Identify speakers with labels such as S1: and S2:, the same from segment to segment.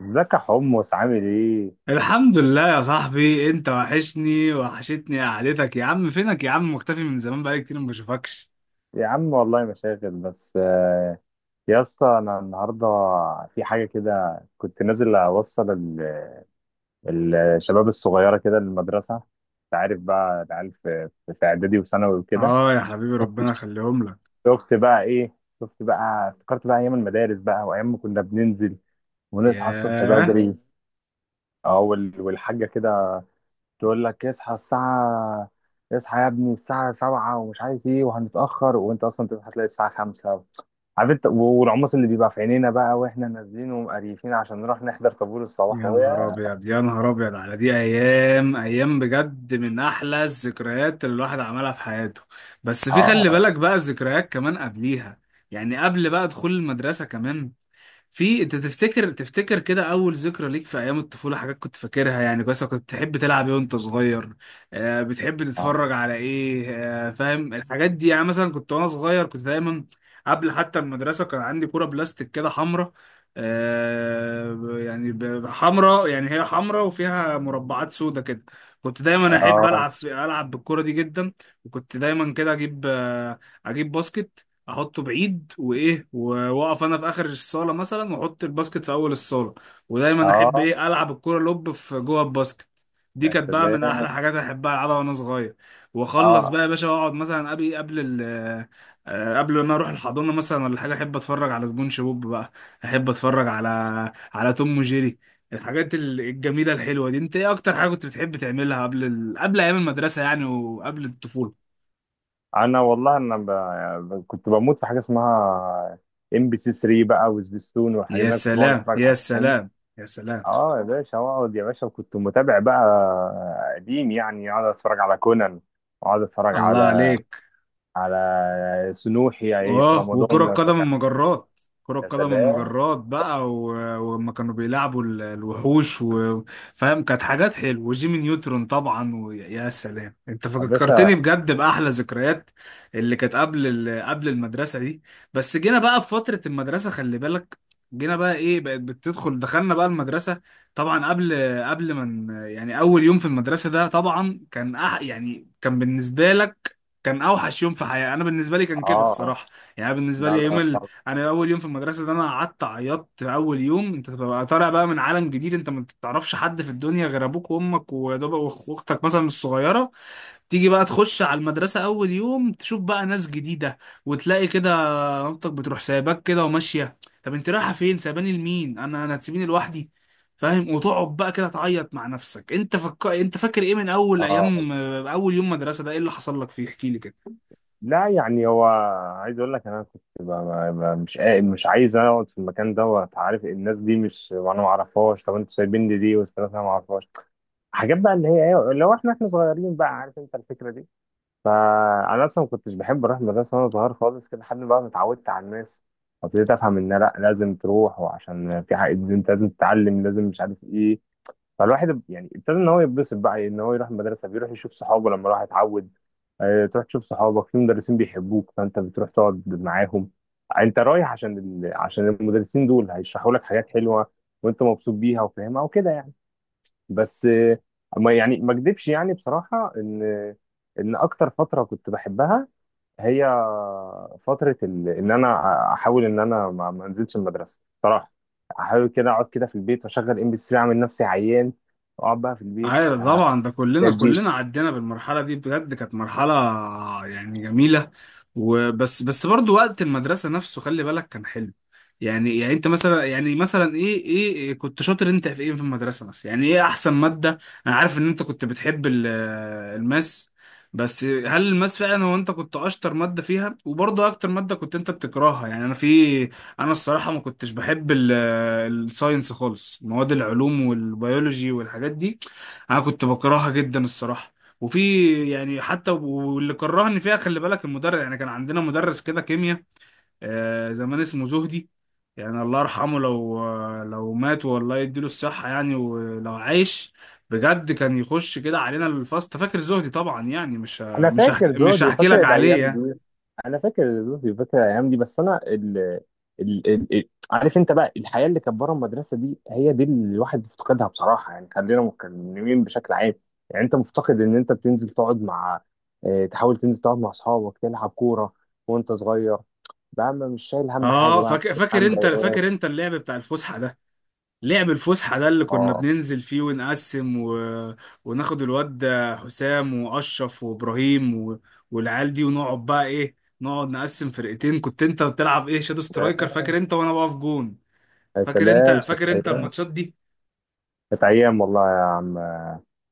S1: ازيك يا حمص، عامل ايه؟
S2: الحمد لله يا صاحبي، انت وحشني، وحشتني قعدتك يا عم. فينك يا عم؟ مختفي من زمان، بقالي كتير ما بشوفكش.
S1: يا عم والله مشاغل بس يا اسطى انا النهارده في حاجه كده، كنت نازل اوصل الشباب الصغيره كده للمدرسه. انت عارف بقى العيال في اعدادي وثانوي وكده.
S2: اه يا حبيبي، ربنا يخليهم لك.
S1: شفت بقى افتكرت بقى ايام المدارس بقى، وايام ما كنا بننزل ونصحى الصبح
S2: ياه،
S1: بدري. اه والحاجه كده تقول لك اصحى الساعة، اصحى يا ابني الساعة سبعة ومش عارف ايه وهنتأخر، وانت اصلا تصحى تلاقي الساعة خمسة. عارف انت، والعمص اللي بيبقى في عينينا بقى واحنا نازلين ومقريفين عشان نروح نحضر طابور
S2: يا
S1: الصباح،
S2: نهار
S1: ويا...
S2: ابيض يا نهار ابيض على دي، ايام ايام بجد من احلى الذكريات اللي الواحد عملها في حياته. بس في، خلي
S1: اه،
S2: بالك بقى الذكريات كمان قبليها، يعني قبل بقى دخول المدرسة كمان. في انت تفتكر كده اول ذكرى ليك في ايام الطفوله، حاجات كنت فاكرها يعني كويس؟ كنت بتحب تلعب ايه وانت صغير؟ آه، بتحب
S1: اه،
S2: تتفرج على ايه؟ فاهم. الحاجات دي يعني، مثلا كنت وانا صغير كنت دايما قبل حتى المدرسه كان عندي كوره بلاستيك كده حمراء. آه، حمراء، يعني هي حمراء وفيها مربعات سودا كده. كنت دايما احب
S1: اه،
S2: العب، العب بالكوره دي جدا. وكنت دايما كده اجيب، اجيب باسكت، احطه بعيد، وايه، واقف انا في اخر الصاله مثلا، واحط الباسكت في اول الصاله. ودايما احب
S1: اه،
S2: ايه، العب الكوره لوب في جوه الباسكت. دي
S1: يا
S2: كانت بقى من
S1: سلام،
S2: احلى حاجات احبها العبها وانا صغير. واخلص
S1: اه.
S2: بقى يا باشا، واقعد مثلا قبل ال-، قبل ما اروح الحضانه مثلا ولا حاجه، احب اتفرج على سبونج بوب بقى، احب اتفرج على، على توم وجيري. الحاجات ال- الجميله الحلوه دي، انت ايه اكتر حاجه كنت بتحب تعملها قبل ال...، قبل ايام المدرسه يعني، وقبل الطفوله؟
S1: انا والله كنت بموت في حاجة اسمها ام بي سي 3 بقى، وسبيستون والحاجات
S2: يا
S1: دي. انا كنت بقعد
S2: سلام،
S1: اتفرج
S2: يا
S1: عليهم.
S2: سلام، يا سلام.
S1: اه يا باشا، اقعد يا باشا. وكنت متابع بقى قديم، يعني اقعد اتفرج على كونان، واقعد اتفرج
S2: الله
S1: على
S2: عليك.
S1: سنوحي، يعني إيه، في
S2: اه، وكرة
S1: رمضان اتفرج
S2: قدم
S1: على...
S2: المجرات، كرة
S1: يا
S2: قدم
S1: سلام
S2: المجرات بقى، و- ولما كانوا بيلعبوا ال- الوحوش و-، فاهم، كانت حاجات حلوة. وجيمي نيوترون طبعا. ويا، يا سلام، انت
S1: يا باشا،
S2: فكرتني بجد بأحلى ذكريات اللي كانت قبل ال-، قبل المدرسة دي. بس جينا بقى في فترة المدرسة، خلي بالك، جينا بقى ايه، بقت بتدخل، دخلنا بقى المدرسة. طبعا قبل ما ن-، يعني اول يوم في المدرسة ده طبعا كان أح-، يعني كان بالنسبة لك كان اوحش يوم في حياتي. انا بالنسبه لي كان كده
S1: اه،
S2: الصراحه. يعني أنا بالنسبه
S1: لا
S2: لي يوم
S1: لا
S2: ال...،
S1: لا،
S2: انا اول يوم في المدرسه ده انا قعدت عيطت. اول يوم انت بتبقى طالع بقى من عالم جديد، انت ما بتعرفش حد في الدنيا غير ابوك وامك ويا دوب وأخ- واختك مثلا الصغيره. تيجي بقى تخش على المدرسه اول يوم، تشوف بقى ناس جديده، وتلاقي كده مامتك بتروح سايباك كده وماشيه. طب انت رايحه فين سايباني لمين؟ انا، انا هتسيبيني لوحدي؟ فاهم. وتقعد بقى كده تعيط مع نفسك. انت فك-، انت فاكر ايه من اول
S1: اه.
S2: ايام، اول يوم مدرسه ده، ايه اللي حصل لك فيه؟ احكي لي كده.
S1: لا يعني هو عايز اقول لك، انا كنت مش عايز اقعد في المكان دوت. عارف الناس دي مش انا ما اعرفهاش، طب انتوا سايبين لي دي والثلاثه ما اعرفهاش. حاجات بقى اللي هي ايه لو احنا صغيرين بقى، عارف انت الفكره دي. فانا اصلا ما كنتش بحب اروح المدرسه وانا صغير خالص كده، لحد بقى ما اتعودت على الناس وابتديت افهم ان لا، لازم تروح، وعشان في حاجه انت لازم تتعلم، لازم مش عارف ايه. فالواحد يعني ابتدى ان هو يتبسط بقى ان هو يروح المدرسه، بيروح يشوف صحابه لما راح يتعود. تروح تشوف صحابك، في مدرسين بيحبوك فانت بتروح تقعد معاهم. انت رايح عشان عشان المدرسين دول هيشرحوا لك حاجات حلوه وانت مبسوط بيها وفاهمها وكده يعني. بس ما يعني ما اكدبش، يعني بصراحة ان اكتر فترة كنت بحبها هي فترة ان انا احاول ان انا ما انزلش المدرسة بصراحة. احاول كده اقعد كده في البيت واشغل ام بي سي، اعمل نفسي عيان واقعد بقى في
S2: ايوه طبعا، ده كلنا
S1: البيت.
S2: كلنا عدينا بالمرحله دي، بجد كانت مرحله يعني جميله. وبس، بس برضو وقت المدرسه نفسه خلي بالك كان حلو. يعني، يعني انت مثلا، يعني مثلا ايه، ايه، إيه كنت شاطر انت في ايه في المدرسه مثلا؟ يعني ايه احسن ماده؟ انا عارف ان انت كنت بتحب ال- الماس. بس هل الماس فعلا هو انت كنت اشطر ماده فيها؟ وبرضه اكتر ماده كنت انت بتكرهها؟ يعني انا في، انا الصراحه ما كنتش بحب ال- الساينس خالص، مواد العلوم والبيولوجي والحاجات دي، انا كنت بكرهها جدا الصراحه. وفي يعني حتى، واللي كرهني فيها خلي بالك المدرس. يعني كان عندنا مدرس كده كيمياء، زمان اسمه زهدي، يعني الله يرحمه لو، لو مات، والله يديله الصحه يعني ولو عايش. بجد كان يخش كده علينا الفصل، فاكر زهدي طبعا، يعني مش ه-،
S1: انا
S2: مش
S1: فاكر
S2: هحكي مش
S1: جودي،
S2: هحكي
S1: فاكر
S2: لك
S1: الايام
S2: عليه يعني.
S1: دي. بس انا عارف انت بقى، الحياه اللي كانت بره المدرسه دي هي دي اللي الواحد بيفتقدها بصراحه. يعني خلينا متكلمين بشكل عام، يعني انت مفتقد ان انت بتنزل تقعد مع... تحاول تنزل تقعد مع اصحابك، تلعب كوره وانت صغير بقى، ما مش شايل هم حاجه
S2: اه،
S1: بقى.
S2: فاكر، فاكر
S1: عم
S2: انت
S1: ضايقان.
S2: فاكر انت اللعب بتاع الفسحه ده، لعب الفسحة ده اللي كنا
S1: اه،
S2: بننزل فيه، ونقسم و...، وناخد الواد ده حسام وأشرف وإبراهيم و...، والعيال دي، ونقعد بقى إيه، نقعد نقسم فرقتين. كنت أنت بتلعب إيه؟ شادو سترايكر، فاكر أنت؟ وأنا بقف جون.
S1: يا
S2: فاكر أنت
S1: سلام، كانت
S2: فاكر أنت
S1: ايام.
S2: الماتشات دي؟
S1: كانت ايام والله يا عم،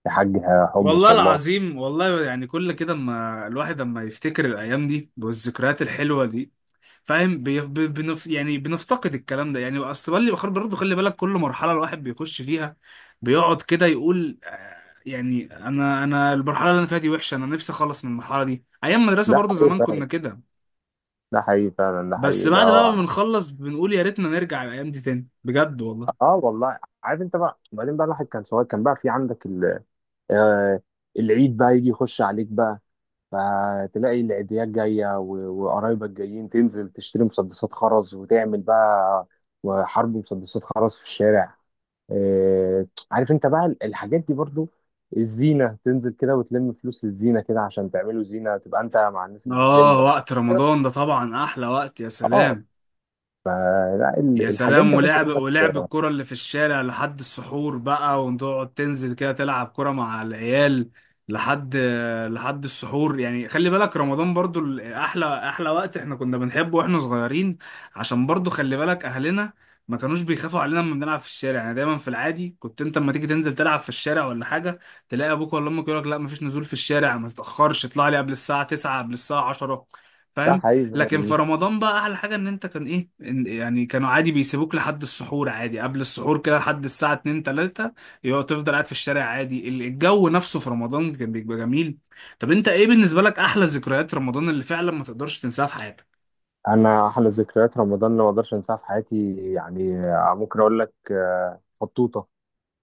S1: يا حاج حمص،
S2: والله
S1: والله.
S2: العظيم والله، يعني كل كده اما الواحد اما يفتكر الأيام دي والذكريات الحلوة دي، فاهم، بي- ب- بنف-، يعني بنفتقد الكلام ده. يعني استراليا بخير برضه خلي بالك. كل مرحله الواحد بيخش فيها بيقعد كده يقول يعني انا، انا المرحله اللي انا فيها دي وحشه، انا نفسي اخلص من المرحله دي. ايام مدرسه
S1: ده
S2: برضه
S1: حقيقي
S2: زمان
S1: فعلاً.
S2: كنا كده،
S1: ده حقيقي فعلا، ده
S2: بس
S1: حقيقي، ده
S2: بعد بقى ما
S1: هو.
S2: بنخلص بنقول يا ريتنا نرجع الايام دي تاني، بجد والله.
S1: اه، والله. عارف انت بقى، وبعدين بقى الواحد كان صغير كان بقى في عندك آه، العيد بقى يجي يخش عليك بقى، فتلاقي العيديات جايه وقرايبك جايين، تنزل تشتري مسدسات خرز وتعمل بقى، وحرب مسدسات خرز في الشارع. آه، عارف انت بقى الحاجات دي برضو، الزينه، تنزل كده وتلم فلوس للزينه كده عشان تعملوا زينه، تبقى انت مع الناس اللي بتلم
S2: اه،
S1: والحاجات.
S2: وقت رمضان ده طبعا احلى وقت. يا
S1: اه،
S2: سلام،
S1: لا
S2: يا
S1: الحاجات
S2: سلام،
S1: دي عايز
S2: ولعب،
S1: اقول
S2: ولعب
S1: لك.
S2: الكرة اللي في الشارع لحد السحور بقى، وتقعد تنزل كده تلعب كرة مع العيال لحد، لحد السحور. يعني خلي بالك رمضان برضو ال- احلى وقت احنا كنا بنحبه واحنا صغيرين، عشان برضو خلي بالك اهلنا ما كانوش بيخافوا علينا لما بنلعب في الشارع. يعني دايما في العادي كنت انت لما تيجي تنزل تلعب في الشارع ولا حاجة، تلاقي ابوك ولا امك يقول لك لا، مفيش نزول في الشارع، ما تتأخرش، اطلع لي قبل الساعة 9، قبل الساعة 10،
S1: ده
S2: فاهم.
S1: حقيقي.
S2: لكن في رمضان بقى احلى حاجه ان انت كان ايه، إن-، يعني كانوا عادي بيسيبوك لحد السحور عادي، قبل السحور كده لحد الساعه 2، 3، يقعد تفضل قاعد في الشارع عادي. ال- الجو نفسه في رمضان كان بيبقى جميل. طب انت ايه بالنسبه لك احلى ذكريات رمضان اللي فعلا ما تقدرش تنساها في حياتك؟
S1: انا احلى ذكريات رمضان اللي ما اقدرش انساها في حياتي، يعني ممكن اقول لك فطوطه.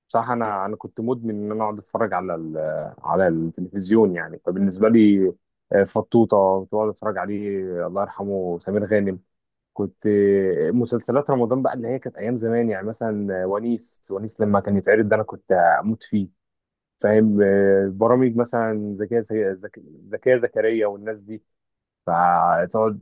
S1: بصراحه انا كنت مدمن ان انا اقعد اتفرج على على التلفزيون، يعني. فبالنسبه لي فطوطه كنت بقعد اتفرج عليه، الله يرحمه سمير غانم. كنت مسلسلات رمضان بقى اللي هي كانت ايام زمان، يعني مثلا ونيس. ونيس لما كان يتعرض ده انا كنت اموت فيه. فاهم، برامج مثلا زكيه، زكيه، زكيه زكريا والناس دي، فتقعد.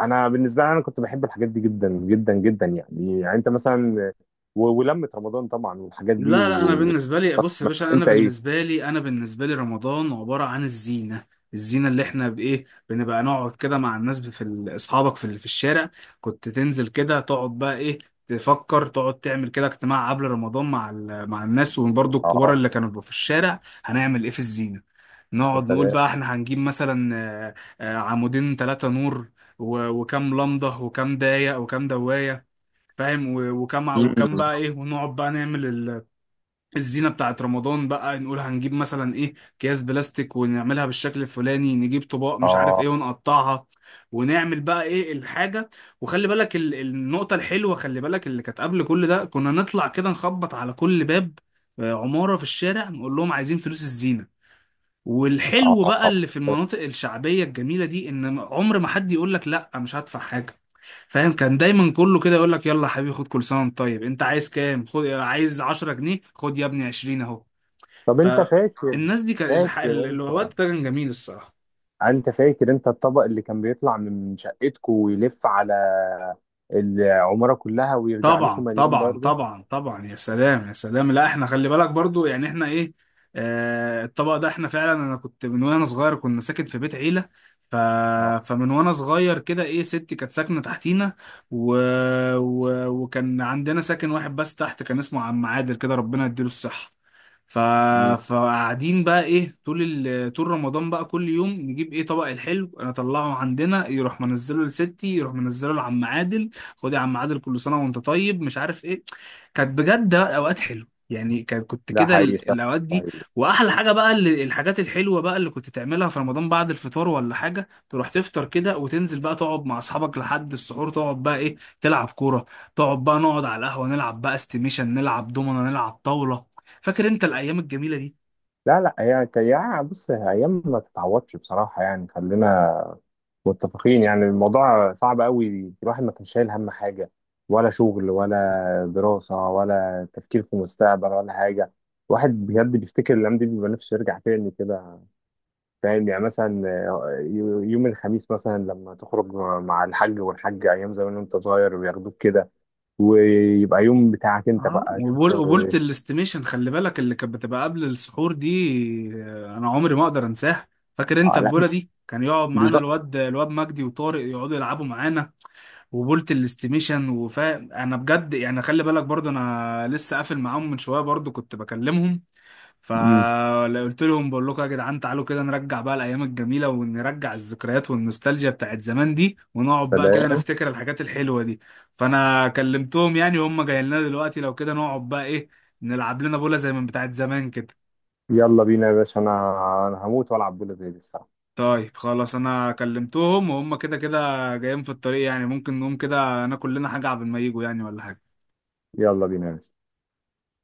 S1: انا بالنسبه لي انا كنت بحب الحاجات دي جدا جدا جدا، يعني انت مثلا، ولمة رمضان طبعا والحاجات دي
S2: لا، لا، انا
S1: و...
S2: بالنسبه لي، بص يا
S1: ما-
S2: باشا، انا
S1: انت ايه؟
S2: بالنسبه لي، انا بالنسبه لي رمضان عباره عن الزينه. الزينه اللي احنا بايه، بنبقى نقعد كده مع الناس في ال- اصحابك في ال- في الشارع. كنت تنزل كده تقعد بقى ايه، تفكر، تقعد تعمل كده اجتماع قبل رمضان مع ال- مع الناس، وبرضه
S1: اه،
S2: الكبار اللي كانوا بيبقوا في الشارع. هنعمل ايه في الزينه؟
S1: يا
S2: نقعد نقول
S1: سلام،
S2: بقى احنا هنجيب مثلا، آه، عمودين، ثلاثه نور، و- وكام لمضه، وكام دايه، وكام دوايه، فاهم، و- وكم،
S1: مم.
S2: وكم بقى ايه، ونقعد بقى نعمل الزينة بتاعت رمضان بقى، نقول هنجيب مثلا ايه، اكياس بلاستيك ونعملها بالشكل الفلاني، نجيب طباق مش عارف
S1: اه،
S2: ايه ونقطعها، ونعمل بقى ايه الحاجة. وخلي بالك ال- النقطة الحلوة، خلي بالك اللي كانت قبل كل ده، كنا نطلع كده نخبط على كل باب، عمارة في الشارع، نقول لهم عايزين فلوس الزينة.
S1: اه،
S2: والحلو بقى اللي في
S1: طبعا.
S2: المناطق الشعبية الجميلة دي، ان عمر ما حد يقول لك لا مش هدفع حاجة، فاهم. كان دايما كله كده يقول لك يلا يا حبيبي، خد، كل سنة وانت طيب، انت عايز كام؟ خد، عايز 10 جنيه؟ خد يا ابني، 20 اهو.
S1: طب انت فاكر،
S2: فالناس دي كان الح-
S1: فاكر
S2: ال-
S1: انت
S2: الوقت ده كان جميل الصراحه.
S1: انت فاكر انت الطبق اللي كان بيطلع من شقتكم ويلف على العماره كلها ويرجع لكم
S2: طبعا،
S1: مليون
S2: طبعا،
S1: برضه.
S2: طبعا، طبعا، يا سلام، يا سلام. لا احنا خلي بالك برضو، يعني احنا ايه، آه الطبق ده احنا فعلا، انا كنت من وانا صغير كنا ساكن في بيت عيله، ف...،
S1: اه،
S2: فمن وانا صغير كده ايه، ستي كانت ساكنه تحتينا و...، و...، وكان عندنا ساكن واحد بس تحت كان اسمه عم عادل كده، ربنا يديله الصحه. ف...،
S1: مم.
S2: فقاعدين بقى ايه، طول ال...، طول رمضان بقى كل يوم نجيب ايه، طبق الحلو انا اطلعه عندنا، يروح منزله لستي، يروح منزله لعم عادل. خد يا عم عادل، كل سنه وانت طيب، مش عارف ايه. كانت بجد اوقات حلوه، يعني كانت، كنت
S1: ده
S2: كده
S1: حقيقي
S2: ال- الاوقات دي.
S1: فعلا.
S2: واحلى حاجه بقى اللي، الحاجات الحلوه بقى اللي كنت تعملها في رمضان بعد الفطار ولا حاجه، تروح تفطر كده وتنزل بقى تقعد مع اصحابك لحد السحور، تقعد بقى ايه، تلعب كوره، تقعد بقى، نقعد على القهوه نلعب بقى استيميشن، نلعب دومنا، نلعب طاوله. فاكر انت الايام الجميله دي؟
S1: لا لا، هي يعني بص، هي ايام ما تتعوضش بصراحه، يعني خلينا متفقين. يعني الموضوع صعب قوي، الواحد ما كانش شايل هم حاجة، ولا شغل ولا دراسة، ولا تفكير في المستقبل، ولا حاجة. الواحد بجد بيفتكر الأيام دي بيبقى نفسه يرجع تاني كده. فاهم، يعني مثلا يوم الخميس مثلا لما تخرج مع الحاج، والحاج أيام زمان وأنت صغير وياخدوك كده، ويبقى يوم بتاعك أنت
S2: اه،
S1: بقى تشوف.
S2: وبول، قبولة
S1: آه،
S2: الاستيميشن خلي بالك اللي كانت بتبقى قبل السحور دي، انا عمري ما اقدر انساها. فاكر انت
S1: لا،
S2: البوله دي؟ كان يقعد معانا
S1: بالظبط.
S2: الواد، الواد مجدي وطارق يقعدوا يلعبوا معانا، وبولة الاستيميشن وفا، انا بجد يعني خلي بالك برضه انا لسه قافل معاهم من شويه، برضه كنت بكلمهم،
S1: أمم.
S2: فقلت لهم، بقول لكم يا جدعان، تعالوا كده نرجع بقى الايام الجميله، ونرجع الذكريات والنوستالجيا بتاعت زمان دي، ونقعد بقى كده
S1: سلام.
S2: نفتكر الحاجات الحلوه دي. فانا كلمتهم يعني، وهم جايين لنا دلوقتي لو كده، نقعد بقى ايه، نلعب لنا بوله زي من بتاعت زمان كده.
S1: يلا بينا يا باشا، أنا هموت وألعب بولا زي دي الساعة.
S2: طيب خلاص، انا كلمتهم وهم كده كده جايين في الطريق، يعني ممكن نقوم كده ناكل لنا حاجه قبل ما يجوا، يعني ولا حاجه.
S1: يلا بينا يا باشا.